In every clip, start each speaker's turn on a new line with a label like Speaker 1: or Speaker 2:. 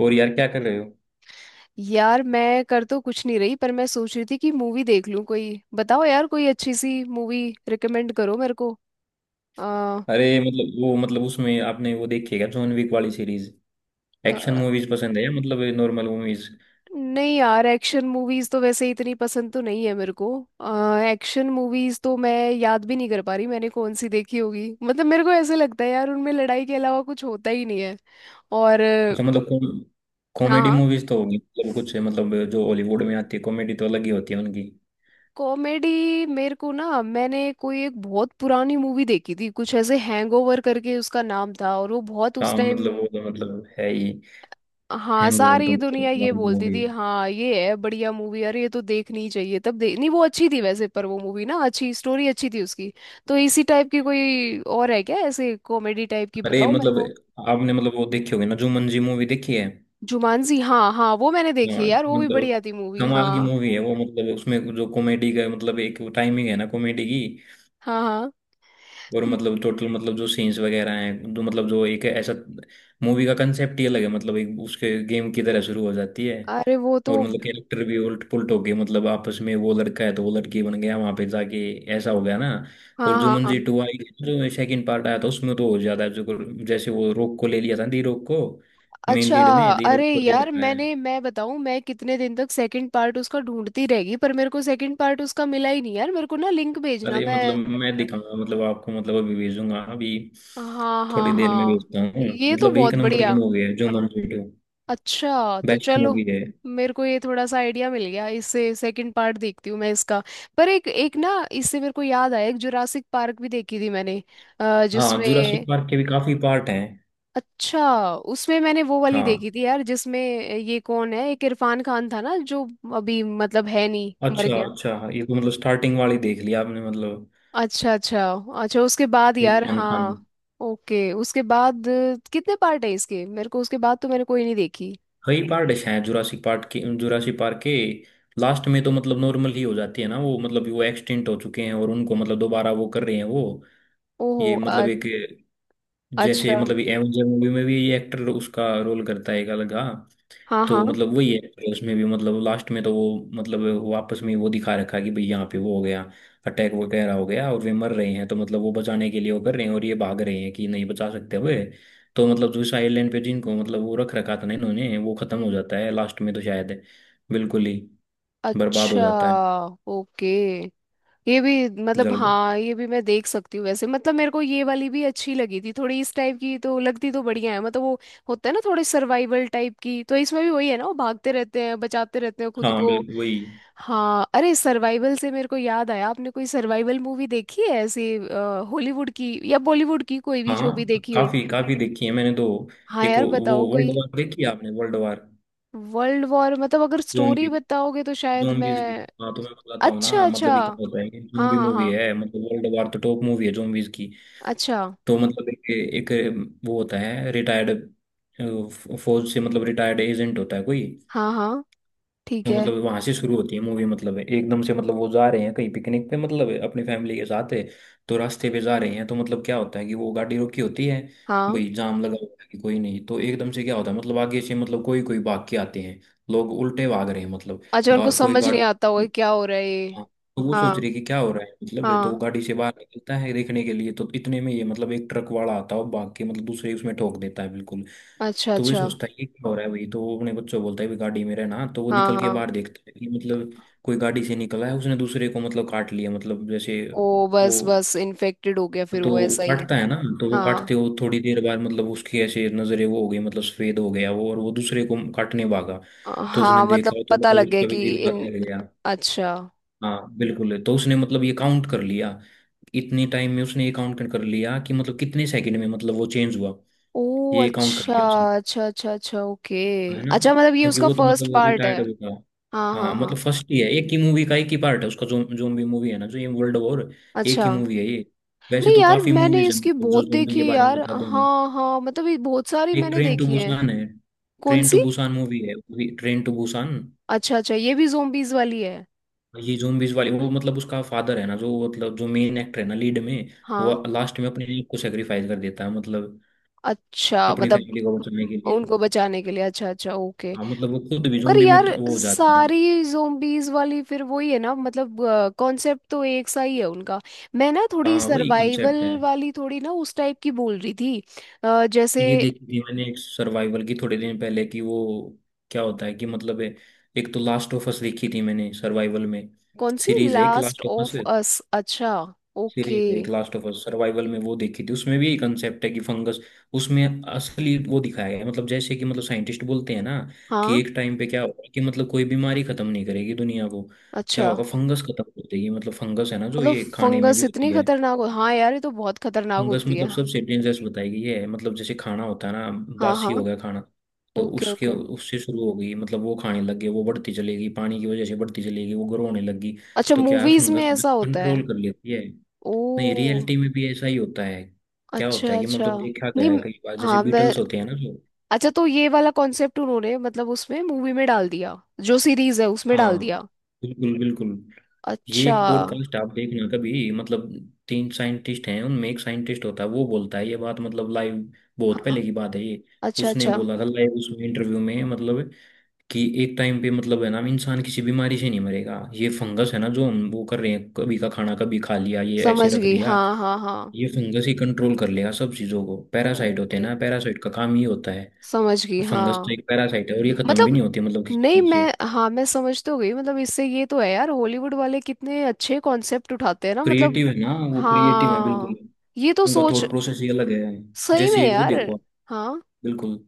Speaker 1: और यार, क्या कर रहे हो।
Speaker 2: यार मैं कर तो कुछ नहीं रही, पर मैं सोच रही थी कि मूवी देख लूं। कोई बताओ यार, कोई अच्छी सी मूवी रिकमेंड करो मेरे को। आ,
Speaker 1: अरे मतलब, वो मतलब उसमें आपने वो देखी है क्या, जॉन विक वाली सीरीज।
Speaker 2: आ,
Speaker 1: एक्शन मूवीज पसंद है या मतलब नॉर्मल मूवीज।
Speaker 2: नहीं यार, एक्शन मूवीज तो वैसे इतनी पसंद तो नहीं है मेरे को। एक्शन मूवीज तो मैं याद भी नहीं कर पा रही मैंने कौन सी देखी होगी। मतलब मेरे को ऐसे लगता है यार, उनमें लड़ाई के अलावा कुछ होता ही नहीं है। और अ,
Speaker 1: अच्छा मतलब। कॉमेडी
Speaker 2: हाँ,
Speaker 1: मूवीज तो होगी, मतलब कुछ मतलब जो हॉलीवुड में आती है, कॉमेडी तो अलग ही होती है उनकी।
Speaker 2: कॉमेडी मेरे को ना, मैंने कोई एक बहुत पुरानी मूवी देखी थी, कुछ ऐसे हैंगओवर करके उसका नाम था, और वो बहुत
Speaker 1: हाँ
Speaker 2: उस टाइम।
Speaker 1: मतलब, वो तो मतलब है ही।
Speaker 2: हाँ,
Speaker 1: हैंगओवर तो
Speaker 2: सारी दुनिया ये
Speaker 1: मतलब
Speaker 2: बोलती
Speaker 1: मूवी
Speaker 2: थी,
Speaker 1: है।
Speaker 2: हाँ ये है बढ़िया मूवी, अरे ये तो देखनी ही चाहिए, तब दे नहीं। वो अच्छी थी वैसे, पर वो मूवी ना अच्छी, स्टोरी अच्छी थी उसकी। तो इसी टाइप की कोई और है क्या, ऐसे कॉमेडी टाइप की
Speaker 1: अरे
Speaker 2: बताओ मेरे
Speaker 1: मतलब,
Speaker 2: को।
Speaker 1: आपने मतलब वो देखी होगी ना, जुमंजी मूवी देखी है।
Speaker 2: जुमानजी, हाँ हाँ, वो मैंने देखी है
Speaker 1: हाँ
Speaker 2: यार, वो भी
Speaker 1: मतलब,
Speaker 2: बढ़िया थी मूवी।
Speaker 1: कमाल की
Speaker 2: हाँ।
Speaker 1: मूवी है वो। मतलब उसमें जो कॉमेडी का मतलब एक टाइमिंग है ना कॉमेडी की।
Speaker 2: हाँ हाँ।
Speaker 1: और
Speaker 2: हम्म,
Speaker 1: मतलब टोटल, मतलब जो सीन्स वगैरह हैं, जो मतलब जो एक ऐसा मूवी का कंसेप्ट ही अलग है। मतलब एक उसके गेम की तरह शुरू हो जाती है।
Speaker 2: अरे वो तो।
Speaker 1: और मतलब कैरेक्टर भी उल्ट पुलट हो गए, मतलब आपस में वो लड़का है तो वो लड़की बन गया वहां पे जाके, ऐसा हो गया ना। और
Speaker 2: हाँ हाँ हाँ।
Speaker 1: जुमंजी टू आई, जो सेकंड पार्ट आया था उसमें तो और ज्यादा जो, जैसे वो रोक को ले लिया था, दी रोक को। मेन
Speaker 2: अच्छा।
Speaker 1: लीड में दी रोक
Speaker 2: अरे
Speaker 1: को ले
Speaker 2: यार
Speaker 1: रखा है।
Speaker 2: मैंने, मैं बताऊं, मैं कितने दिन तक सेकंड पार्ट उसका ढूंढती रहेगी, पर मेरे को सेकंड पार्ट उसका मिला ही नहीं यार। मेरे को ना लिंक भेजना
Speaker 1: अरे मतलब
Speaker 2: मैं।
Speaker 1: मैं दिखाऊंगा मतलब आपको, मतलब अभी भेजूंगा, अभी
Speaker 2: हाँ हाँ
Speaker 1: थोड़ी देर में
Speaker 2: हाँ।
Speaker 1: भेजता हूँ।
Speaker 2: ये तो
Speaker 1: मतलब एक
Speaker 2: बहुत
Speaker 1: नंबर की
Speaker 2: बढ़िया।
Speaker 1: मूवी है जुमंजी टू।
Speaker 2: अच्छा तो
Speaker 1: बेस्ट
Speaker 2: चलो,
Speaker 1: मूवी है।
Speaker 2: मेरे को ये थोड़ा सा आइडिया मिल गया, इससे सेकंड पार्ट देखती हूँ मैं इसका। पर एक एक ना, इससे मेरे को याद आया, एक जुरासिक पार्क भी देखी थी मैंने।
Speaker 1: हाँ, जुरासिक
Speaker 2: जिसमें
Speaker 1: पार्क के भी काफी पार्ट हैं।
Speaker 2: अच्छा, उसमें मैंने वो वाली
Speaker 1: हाँ,
Speaker 2: देखी थी यार, जिसमें ये कौन है, एक इरफान खान था ना जो अभी मतलब है नहीं, मर
Speaker 1: अच्छा
Speaker 2: गया।
Speaker 1: अच्छा, ये तो मतलब स्टार्टिंग वाली देख लिया आपने मतलब।
Speaker 2: अच्छा अच्छा। अच्छा उसके बाद यार,
Speaker 1: इरफान खान।
Speaker 2: हाँ। ओके उसके बाद, कितने पार्ट है इसके? मेरे को उसके बाद तो मैंने कोई नहीं देखी।
Speaker 1: कई पार्ट शायद जुरासिक पार्क के। जुरासिक पार्क के लास्ट में तो मतलब नॉर्मल ही हो जाती है ना वो, मतलब वो एक्सटेंट हो चुके हैं और उनको मतलब दोबारा वो कर रहे हैं वो।
Speaker 2: ओहो
Speaker 1: ये
Speaker 2: अ-
Speaker 1: मतलब एक, जैसे
Speaker 2: अच्छा।
Speaker 1: मतलब एवेंजर मूवी में भी ये एक्टर उसका रोल करता है एक अलग हाँ।
Speaker 2: हाँ
Speaker 1: तो
Speaker 2: हाँ।
Speaker 1: मतलब वही है कि उसमें भी मतलब लास्ट में तो वो मतलब वापस में वो दिखा रखा है कि भाई यहाँ पे वो हो गया, अटैक वगैरह हो गया और वे मर रहे हैं, तो मतलब वो बचाने के लिए वो कर रहे हैं और ये भाग रहे हैं कि नहीं बचा सकते हुए। तो मतलब जो इस आइलैंड पे जिनको मतलब वो रख रखा था ना इन्होंने, वो खत्म हो जाता है लास्ट में तो शायद, बिल्कुल ही बर्बाद हो
Speaker 2: अच्छा।
Speaker 1: जाता है।
Speaker 2: ओके। ये भी मतलब,
Speaker 1: जल।
Speaker 2: हाँ ये भी मैं देख सकती हूँ वैसे। मतलब मेरे को ये वाली भी अच्छी लगी थी थोड़ी, इस टाइप की तो लगती तो बढ़िया है। मतलब वो होता है ना थोड़े सर्वाइवल टाइप की, तो इसमें भी वही है ना, वो भागते रहते हैं बचाते रहते हैं खुद
Speaker 1: हाँ
Speaker 2: को।
Speaker 1: बिल्कुल वही।
Speaker 2: हाँ, अरे सर्वाइवल से मेरे को याद आया, आपने कोई सर्वाइवल मूवी देखी है ऐसे, हॉलीवुड की या बॉलीवुड की, कोई भी जो भी
Speaker 1: हाँ,
Speaker 2: देखी हो।
Speaker 1: काफी काफी देखी है मैंने तो।
Speaker 2: हाँ
Speaker 1: एक
Speaker 2: यार
Speaker 1: वो
Speaker 2: बताओ कोई।
Speaker 1: वर्ल्ड वार देखी है आपने, वर्ल्ड
Speaker 2: वर्ल्ड वॉर? मतलब अगर
Speaker 1: वार
Speaker 2: स्टोरी बताओगे तो शायद
Speaker 1: zombies की।
Speaker 2: मैं।
Speaker 1: हाँ, तो मैं बताता हूँ
Speaker 2: अच्छा
Speaker 1: ना,
Speaker 2: अच्छा।
Speaker 1: मतलब ये क्या होता है कि
Speaker 2: हाँ
Speaker 1: zombie
Speaker 2: हाँ
Speaker 1: मूवी
Speaker 2: हाँ।
Speaker 1: है, मतलब वर्ल्ड वार तो टॉप मूवी है zombies की।
Speaker 2: अच्छा।
Speaker 1: तो मतलब एक, एक वो होता है रिटायर्ड फौज से, मतलब रिटायर्ड एजेंट होता है कोई।
Speaker 2: हाँ हाँ। ठीक
Speaker 1: तो
Speaker 2: है।
Speaker 1: मतलब वहां से शुरू होती है मूवी, मतलब एकदम से मतलब वो जा रहे हैं कहीं पिकनिक पे, मतलब अपनी फैमिली के साथ है। तो रास्ते पे जा रहे हैं, तो मतलब क्या होता है कि वो गाड़ी रोकी होती है,
Speaker 2: हाँ।
Speaker 1: भाई जाम लगा हुआ है कि कोई नहीं। तो एकदम से क्या होता है, मतलब आगे से मतलब कोई कोई भाग के आते हैं, लोग उल्टे भाग रहे हैं मतलब।
Speaker 2: अच्छा, उनको
Speaker 1: कोई
Speaker 2: समझ नहीं आता होगा
Speaker 1: गाड़ी।
Speaker 2: कि क्या हो रहा है ये।
Speaker 1: हाँ। तो वो
Speaker 2: हाँ
Speaker 1: सोच रही है कि क्या हो रहा है, मतलब ये तो वो
Speaker 2: हाँ।
Speaker 1: गाड़ी से बाहर निकलता है देखने के लिए, तो इतने में ये मतलब एक ट्रक वाला आता है और भाग के मतलब दूसरे उसमें ठोक देता है बिल्कुल।
Speaker 2: अच्छा
Speaker 1: तो वही
Speaker 2: अच्छा।
Speaker 1: सोचता है ये क्या हो रहा है भाई, तो वो अपने बच्चों को बोलता है भी गाड़ी में रहना, तो वो
Speaker 2: हाँ
Speaker 1: निकल के
Speaker 2: हाँ।
Speaker 1: बाहर देखता है कि मतलब कोई गाड़ी से निकला है, उसने दूसरे को मतलब काट लिया मतलब। जैसे
Speaker 2: ओ
Speaker 1: वो
Speaker 2: बस बस इन्फेक्टेड हो गया फिर
Speaker 1: तो
Speaker 2: वो ऐसा ही।
Speaker 1: काटता है ना, तो वो काटते
Speaker 2: हाँ।
Speaker 1: हो थोड़ी देर बाद मतलब उसकी ऐसे नजरें वो हो गई, मतलब सफेद हो गया वो और वो दूसरे को काटने भागा। तो उसने
Speaker 2: हाँ मतलब
Speaker 1: देखा, तो
Speaker 2: पता
Speaker 1: मतलब
Speaker 2: लग गया
Speaker 1: उसका भी
Speaker 2: कि।
Speaker 1: दिल हल्का
Speaker 2: इन।
Speaker 1: लग गया।
Speaker 2: अच्छा।
Speaker 1: हाँ बिल्कुल। तो उसने मतलब ये काउंट कर लिया। इतने टाइम में उसने ये काउंट कर लिया कि मतलब कितने सेकंड में मतलब वो चेंज हुआ।
Speaker 2: ओ
Speaker 1: ये काउंट कर
Speaker 2: अच्छा
Speaker 1: लिया उसने,
Speaker 2: अच्छा अच्छा। अच्छा ओके।
Speaker 1: है ना,
Speaker 2: अच्छा मतलब ये
Speaker 1: क्योंकि
Speaker 2: उसका
Speaker 1: वो तो
Speaker 2: फर्स्ट
Speaker 1: मतलब
Speaker 2: पार्ट है?
Speaker 1: रिटायर्ड हो गया।
Speaker 2: हाँ हाँ
Speaker 1: हाँ, मतलब
Speaker 2: हाँ।
Speaker 1: फर्स्ट ही है, एक ही मूवी का एक ही पार्ट है उसका, जो जोम्बी मूवी है ना, जो ये वर्ल्ड वॉर। एक
Speaker 2: अच्छा।
Speaker 1: ही मूवी है ये। वैसे
Speaker 2: नहीं
Speaker 1: तो
Speaker 2: यार,
Speaker 1: काफी
Speaker 2: मैंने
Speaker 1: मूवीज हैं
Speaker 2: इसकी
Speaker 1: मतलब जो
Speaker 2: बहुत
Speaker 1: जोम्बी
Speaker 2: देखी
Speaker 1: के
Speaker 2: है
Speaker 1: बारे में
Speaker 2: यार।
Speaker 1: बता देंगे।
Speaker 2: हाँ हाँ, मतलब ये बहुत सारी
Speaker 1: एक
Speaker 2: मैंने
Speaker 1: ट्रेन टू
Speaker 2: देखी है।
Speaker 1: बुसान है।
Speaker 2: कौन
Speaker 1: ट्रेन
Speaker 2: सी?
Speaker 1: टू बुसान मूवी है, ट्रेन टू बुसान।
Speaker 2: अच्छा अच्छा, ये भी जोम्बीज वाली है।
Speaker 1: ये जोम्बीज वाली, वो मतलब उसका फादर है ना, जो मतलब जो मेन एक्टर है ना लीड में,
Speaker 2: हाँ।
Speaker 1: वो लास्ट में अपने आप को सेक्रीफाइस कर देता है, मतलब
Speaker 2: अच्छा
Speaker 1: अपनी
Speaker 2: मतलब
Speaker 1: फैमिली को बचाने के लिए।
Speaker 2: उनको बचाने के लिए। अच्छा अच्छा ओके।
Speaker 1: हाँ, मतलब वो खुद भी
Speaker 2: पर
Speaker 1: जोम्बी में
Speaker 2: यार
Speaker 1: वो हो जाता है।
Speaker 2: सारी जोम्बीज वाली फिर वही है ना मतलब, कॉन्सेप्ट तो एक सा ही है उनका। मैं ना थोड़ी
Speaker 1: हाँ वही
Speaker 2: सर्वाइवल
Speaker 1: कंसेप्ट है।
Speaker 2: वाली, थोड़ी ना उस टाइप की बोल रही थी। जैसे।
Speaker 1: ये देखी थी मैंने एक सर्वाइवल की थोड़े दिन पहले कि वो क्या होता है कि मतलब एक तो लास्ट ऑफ अस देखी थी मैंने सर्वाइवल में।
Speaker 2: कौन सी
Speaker 1: सीरीज है एक
Speaker 2: Last
Speaker 1: Last of Us.
Speaker 2: Of Us, अच्छा। ओके।
Speaker 1: सीरीज है एक लास्ट ऑफ अस, सर्वाइवल में वो देखी थी। उसमें भी यही कंसेप्ट है कि फंगस उसमें असली वो दिखाया गया है। मतलब जैसे कि मतलब साइंटिस्ट बोलते हैं ना कि
Speaker 2: हाँ।
Speaker 1: एक टाइम पे क्या होगा, कि मतलब कोई बीमारी खत्म नहीं करेगी दुनिया को, क्या
Speaker 2: अच्छा
Speaker 1: होगा, फंगस खत्म कर देगी। मतलब फंगस है ना जो
Speaker 2: मतलब
Speaker 1: ये खाने में
Speaker 2: फंगस
Speaker 1: भी
Speaker 2: इतनी
Speaker 1: होती है,
Speaker 2: खतरनाक हो? हाँ यार, ये तो बहुत खतरनाक
Speaker 1: फंगस
Speaker 2: होती है।
Speaker 1: मतलब सबसे डेंजरस बताई गई है। मतलब जैसे खाना होता है ना,
Speaker 2: हाँ हाँ।
Speaker 1: बासी हो गया खाना, तो
Speaker 2: ओके
Speaker 1: उसके
Speaker 2: ओके।
Speaker 1: उससे शुरू हो गई। मतलब वो खाने लग गए, वो बढ़ती चलेगी, पानी की वजह से बढ़ती चलेगी, वो ग्रो होने लगी।
Speaker 2: अच्छा,
Speaker 1: तो क्या है,
Speaker 2: मूवीज में
Speaker 1: फंगस
Speaker 2: ऐसा होता है?
Speaker 1: कंट्रोल कर लेती है। नहीं,
Speaker 2: ओ
Speaker 1: रियलिटी में भी ऐसा ही होता है। क्या होता
Speaker 2: अच्छा।
Speaker 1: है कि
Speaker 2: अच्छा।
Speaker 1: मतलब देखा गया
Speaker 2: नहीं
Speaker 1: है
Speaker 2: म-
Speaker 1: कई बार, जैसे
Speaker 2: हाँ मैं।
Speaker 1: बीटल्स होते हैं ना जो।
Speaker 2: अच्छा तो ये वाला कॉन्सेप्ट उन्होंने मतलब उसमें मूवी में डाल दिया, जो सीरीज है उसमें डाल
Speaker 1: हाँ
Speaker 2: दिया।
Speaker 1: बिल्कुल बिल्कुल। ये
Speaker 2: अच्छा।
Speaker 1: एक पॉडकास्ट आप देखना कभी मतलब, तीन साइंटिस्ट हैं उनमें, एक साइंटिस्ट होता है वो बोलता है ये बात, मतलब लाइव, बहुत
Speaker 2: हाँ।
Speaker 1: पहले की बात है ये।
Speaker 2: अच्छा
Speaker 1: उसने
Speaker 2: अच्छा,
Speaker 1: बोला था लाइव उसमें इंटरव्यू में, मतलब कि एक टाइम पे मतलब है ना, इंसान किसी बीमारी से नहीं मरेगा, ये फंगस है ना, जो हम वो कर रहे हैं कभी का खाना कभी खा लिया, ये ऐसे
Speaker 2: समझ
Speaker 1: रख
Speaker 2: गई।
Speaker 1: दिया।
Speaker 2: हाँ हाँ हाँ।
Speaker 1: ये फंगस ही कंट्रोल कर लेगा सब चीजों को, पैरासाइट होते हैं
Speaker 2: ओके,
Speaker 1: ना, पैरासाइट का काम ही होता है।
Speaker 2: समझ गई
Speaker 1: फंगस तो
Speaker 2: हाँ।
Speaker 1: एक पैरासाइट है, और ये खत्म भी
Speaker 2: मतलब
Speaker 1: नहीं होती मतलब किसी
Speaker 2: नहीं
Speaker 1: चीज से।
Speaker 2: मैं, हाँ मैं समझ तो गई मतलब। इससे ये तो है यार, हॉलीवुड वाले कितने अच्छे कॉन्सेप्ट उठाते हैं ना मतलब।
Speaker 1: क्रिएटिव है ना वो, क्रिएटिव है बिल्कुल,
Speaker 2: हाँ ये तो
Speaker 1: उनका
Speaker 2: सोच,
Speaker 1: थॉट प्रोसेस ही अलग है।
Speaker 2: सही में
Speaker 1: जैसे वो
Speaker 2: यार।
Speaker 1: देखो आप,
Speaker 2: हाँ
Speaker 1: बिल्कुल।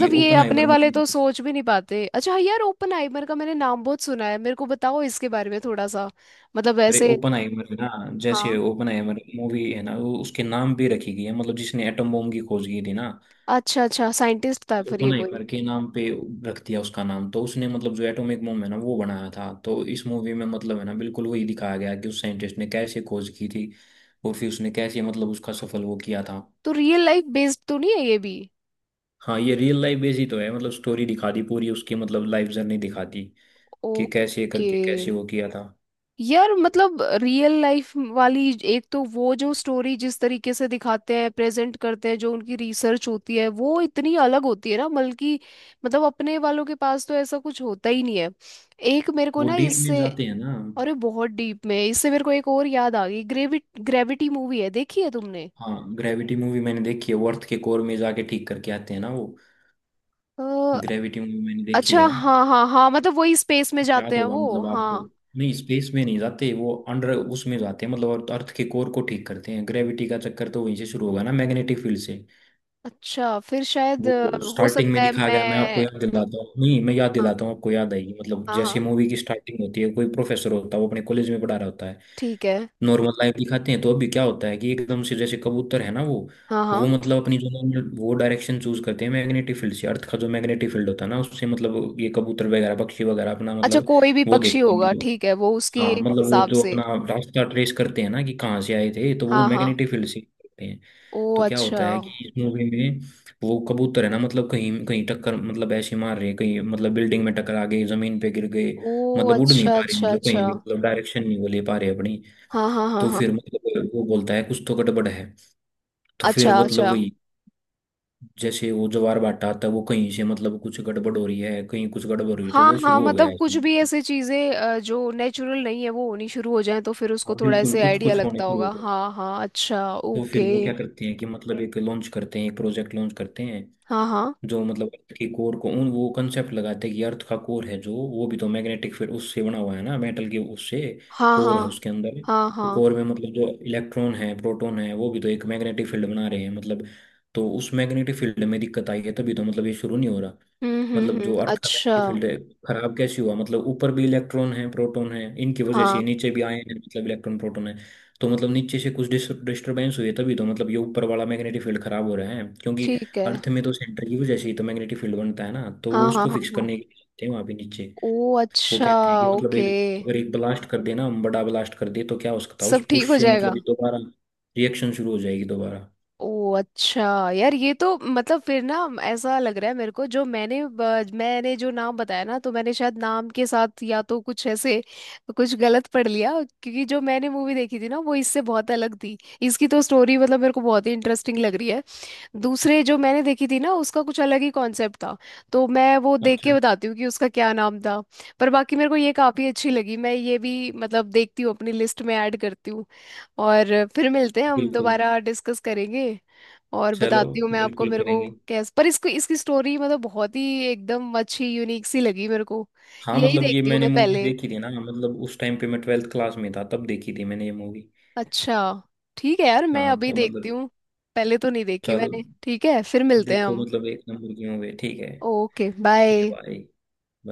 Speaker 1: ये
Speaker 2: ये
Speaker 1: ओपन
Speaker 2: अपने
Speaker 1: आइमर
Speaker 2: वाले
Speaker 1: मूवी
Speaker 2: तो
Speaker 1: है,
Speaker 2: सोच भी नहीं पाते। अच्छा यार, ओपनहाइमर का मैंने नाम बहुत सुना है, मेरे को बताओ इसके बारे में थोड़ा सा। मतलब
Speaker 1: अरे
Speaker 2: ऐसे।
Speaker 1: ओपन आइमर है ना, जैसे
Speaker 2: हाँ।
Speaker 1: ओपन आइमर मूवी है ना, वो उसके नाम पे रखी गई है, मतलब जिसने एटम बम की खोज की थी ना,
Speaker 2: अच्छा अच्छा, साइंटिस्ट था फिर ये
Speaker 1: ओपन
Speaker 2: कोई।
Speaker 1: आइमर के नाम पे रख दिया उसका नाम। तो उसने मतलब जो एटॉमिक बम है ना, वो बनाया था, तो इस मूवी में मतलब है ना बिल्कुल वही दिखाया गया कि उस साइंटिस्ट ने कैसे खोज की थी और फिर उसने कैसे मतलब उसका सफल वो किया था।
Speaker 2: तो रियल लाइफ बेस्ड तो नहीं है ये भी?
Speaker 1: हाँ, ये रियल लाइफ बेस ही तो है, मतलब स्टोरी दिखा दी पूरी उसकी, मतलब लाइफ जर्नी दिखा दी कि कैसे
Speaker 2: ओके।
Speaker 1: करके कैसे वो किया था।
Speaker 2: यार मतलब रियल लाइफ वाली, एक तो वो जो स्टोरी जिस तरीके से दिखाते हैं प्रेजेंट करते हैं, जो उनकी रिसर्च होती है वो इतनी अलग होती है ना, बल्कि मतलब अपने वालों के पास तो ऐसा कुछ होता ही नहीं है। एक मेरे को
Speaker 1: वो
Speaker 2: ना
Speaker 1: डीप में
Speaker 2: इससे,
Speaker 1: जाते हैं ना।
Speaker 2: अरे बहुत डीप में, इससे मेरे को एक और याद आ गई, ग्रेविटी मूवी है, देखी है तुमने?
Speaker 1: हाँ, ग्रेविटी मूवी मैंने देखी है, वो अर्थ के कोर में जाके ठीक करके आते हैं ना वो।
Speaker 2: अ,
Speaker 1: ग्रेविटी मूवी मैंने देखी
Speaker 2: अच्छा
Speaker 1: है,
Speaker 2: हाँ हाँ हाँ, मतलब वही स्पेस में जाते
Speaker 1: याद
Speaker 2: हैं
Speaker 1: होगा
Speaker 2: वो,
Speaker 1: मतलब आपको।
Speaker 2: हाँ।
Speaker 1: नहीं, स्पेस में नहीं जाते वो, अंडर उसमें जाते हैं, मतलब अर्थ, अर्थ के कोर को ठीक करते हैं। ग्रेविटी का चक्कर तो वहीं से शुरू होगा ना, मैग्नेटिक फील्ड से।
Speaker 2: अच्छा फिर शायद
Speaker 1: वो
Speaker 2: हो
Speaker 1: स्टार्टिंग
Speaker 2: सकता
Speaker 1: में
Speaker 2: है
Speaker 1: दिखाया गया, मैं आपको
Speaker 2: मैं।
Speaker 1: याद दिलाता हूँ, नहीं मैं याद
Speaker 2: हाँ
Speaker 1: दिलाता हूँ आपको, याद आएगी। मतलब
Speaker 2: हाँ
Speaker 1: जैसे
Speaker 2: हाँ,
Speaker 1: मूवी की स्टार्टिंग होती है, कोई प्रोफेसर होता है, वो अपने कॉलेज में पढ़ा रहा होता है,
Speaker 2: ठीक है।
Speaker 1: नॉर्मल लाइफ दिखाते हैं। तो अभी क्या होता है कि एकदम से जैसे कबूतर है ना वो
Speaker 2: हाँ
Speaker 1: वो
Speaker 2: हाँ।
Speaker 1: मतलब अपनी जो वो डायरेक्शन चूज करते हैं मैग्नेटिक फील्ड से। अर्थ का जो मैग्नेटिक फील्ड होता है ना, उससे मतलब ये कबूतर वगैरह पक्षी वगैरह अपना
Speaker 2: अच्छा,
Speaker 1: मतलब
Speaker 2: कोई भी
Speaker 1: वो
Speaker 2: पक्षी
Speaker 1: देखते हैं
Speaker 2: होगा,
Speaker 1: मतलब।
Speaker 2: ठीक है वो उसके
Speaker 1: हाँ, मतलब वो
Speaker 2: हिसाब
Speaker 1: जो
Speaker 2: से।
Speaker 1: अपना रास्ता ट्रेस करते हैं ना कि कहाँ से आए थे, तो वो
Speaker 2: हाँ हाँ।
Speaker 1: मैग्नेटिक फील्ड से करते हैं।
Speaker 2: ओ
Speaker 1: तो क्या
Speaker 2: अच्छा।
Speaker 1: होता है कि इस मूवी में, वो कबूतर है ना, मतलब कहीं कहीं टक्कर मतलब ऐसे मार रहे, कहीं मतलब बिल्डिंग में टकरा गए, जमीन पे गिर गए,
Speaker 2: ओ
Speaker 1: मतलब उड़ नहीं
Speaker 2: अच्छा
Speaker 1: पा रहे,
Speaker 2: अच्छा
Speaker 1: मतलब
Speaker 2: अच्छा।
Speaker 1: कहीं भी मतलब डायरेक्शन नहीं वो ले पा रहे अपनी।
Speaker 2: हाँ हाँ हाँ
Speaker 1: तो
Speaker 2: हाँ।
Speaker 1: फिर मतलब वो बोलता है कुछ तो गड़बड़ है। तो फिर
Speaker 2: अच्छा
Speaker 1: मतलब
Speaker 2: अच्छा।
Speaker 1: वही, जैसे वो ज्वार भाटा आता है वो कहीं से, मतलब कुछ गड़बड़ हो रही है, कहीं कुछ गड़बड़ हो रही है, तो
Speaker 2: हाँ
Speaker 1: वो
Speaker 2: हाँ
Speaker 1: शुरू हो गया
Speaker 2: मतलब
Speaker 1: है।
Speaker 2: कुछ भी ऐसी चीजें जो नेचुरल नहीं है वो होनी शुरू हो जाए, तो फिर उसको
Speaker 1: हाँ
Speaker 2: थोड़ा
Speaker 1: बिल्कुल,
Speaker 2: ऐसे
Speaker 1: कुछ
Speaker 2: आइडिया
Speaker 1: कुछ होने
Speaker 2: लगता
Speaker 1: शुरू हो
Speaker 2: होगा।
Speaker 1: गए।
Speaker 2: हाँ हाँ। अच्छा
Speaker 1: तो
Speaker 2: ओके।
Speaker 1: फिर वो क्या करते हैं कि मतलब एक लॉन्च करते हैं, एक प्रोजेक्ट लॉन्च करते हैं,
Speaker 2: हाँ हाँ
Speaker 1: जो मतलब अर्थ के कोर को उन, वो कंसेप्ट लगाते हैं कि अर्थ का कोर है, जो वो भी तो मैग्नेटिक फील्ड उससे बना हुआ है ना, मेटल के उससे
Speaker 2: हाँ हाँ
Speaker 1: कोर है उसके अंदर।
Speaker 2: हाँ
Speaker 1: तो
Speaker 2: हाँ।
Speaker 1: कोर में मतलब जो इलेक्ट्रॉन है, प्रोटॉन है, वो भी तो एक मैग्नेटिक फील्ड बना रहे हैं मतलब। तो उस मैग्नेटिक फील्ड में दिक्कत आई है, तभी तो मतलब ये शुरू नहीं हो रहा, मतलब
Speaker 2: हम्म।
Speaker 1: जो अर्थ का
Speaker 2: अच्छा।
Speaker 1: मैग्नेटिक फील्ड है। खराब कैसे हुआ, मतलब ऊपर भी इलेक्ट्रॉन है प्रोटॉन है, इनकी वजह
Speaker 2: हाँ
Speaker 1: से नीचे भी आए हैं मतलब इलेक्ट्रॉन प्रोटॉन है। तो मतलब नीचे से कुछ डिस्टरबेंस हुई है, तभी तो मतलब ये ऊपर वाला मैग्नेटिक फील्ड खराब हो रहा है, क्योंकि
Speaker 2: ठीक है।
Speaker 1: अर्थ में तो सेंटर की वजह से ही तो मैग्नेटिक फील्ड बनता है ना। तो वो
Speaker 2: हाँ हाँ
Speaker 1: उसको
Speaker 2: हाँ
Speaker 1: फिक्स
Speaker 2: हाँ।
Speaker 1: करने के लिए जाते हैं वहाँ पे नीचे।
Speaker 2: ओ
Speaker 1: वो
Speaker 2: अच्छा।
Speaker 1: कहते हैं कि मतलब
Speaker 2: ओके।
Speaker 1: एक, अगर एक ब्लास्ट कर देना, हम बड़ा ब्लास्ट कर दे, तो क्या हो सकता है उस
Speaker 2: सब ठीक
Speaker 1: पुश
Speaker 2: हो
Speaker 1: से
Speaker 2: जाएगा।
Speaker 1: मतलब ये दोबारा रिएक्शन शुरू हो जाएगी दोबारा।
Speaker 2: ओ अच्छा। यार ये तो मतलब फिर ना, ऐसा लग रहा है मेरे को जो मैंने मैंने जो नाम बताया ना, तो मैंने शायद नाम के साथ या तो कुछ ऐसे कुछ गलत पढ़ लिया। क्योंकि जो मैंने मूवी देखी थी ना वो इससे बहुत अलग थी। इसकी तो स्टोरी मतलब मेरे को बहुत ही इंटरेस्टिंग लग रही है। दूसरे जो मैंने देखी थी ना उसका कुछ अलग ही कॉन्सेप्ट था, तो मैं वो देख
Speaker 1: अच्छा।
Speaker 2: के बताती हूँ कि उसका क्या नाम था। पर बाकी मेरे को ये काफ़ी अच्छी लगी, मैं ये भी मतलब देखती हूँ, अपनी लिस्ट में ऐड करती हूँ। और फिर मिलते हैं हम
Speaker 1: बिल्कुल।
Speaker 2: दोबारा, डिस्कस करेंगे और
Speaker 1: चलो,
Speaker 2: बताती हूँ मैं आपको।
Speaker 1: बिल्कुल
Speaker 2: मेरे को
Speaker 1: करेंगे।
Speaker 2: कैस, पर इसको, इसकी स्टोरी मतलब बहुत ही एकदम अच्छी, यूनिक सी लगी मेरे को।
Speaker 1: हाँ
Speaker 2: यही
Speaker 1: मतलब ये
Speaker 2: देखती हूँ
Speaker 1: मैंने
Speaker 2: मैं
Speaker 1: मूवी
Speaker 2: पहले।
Speaker 1: देखी थी ना, मतलब उस टाइम पे मैं 12वीं क्लास में था, तब देखी थी मैंने ये मूवी।
Speaker 2: अच्छा, ठीक है यार मैं
Speaker 1: हाँ
Speaker 2: अभी
Speaker 1: तो
Speaker 2: देखती
Speaker 1: मतलब,
Speaker 2: हूँ। पहले तो नहीं देखी
Speaker 1: चलो,
Speaker 2: मैंने, ठीक है फिर मिलते हैं
Speaker 1: देखो
Speaker 2: हम।
Speaker 1: मतलब एक नंबर की मूवी है। ठीक है,
Speaker 2: ओके,
Speaker 1: ठीक
Speaker 2: बाय।
Speaker 1: है भाई।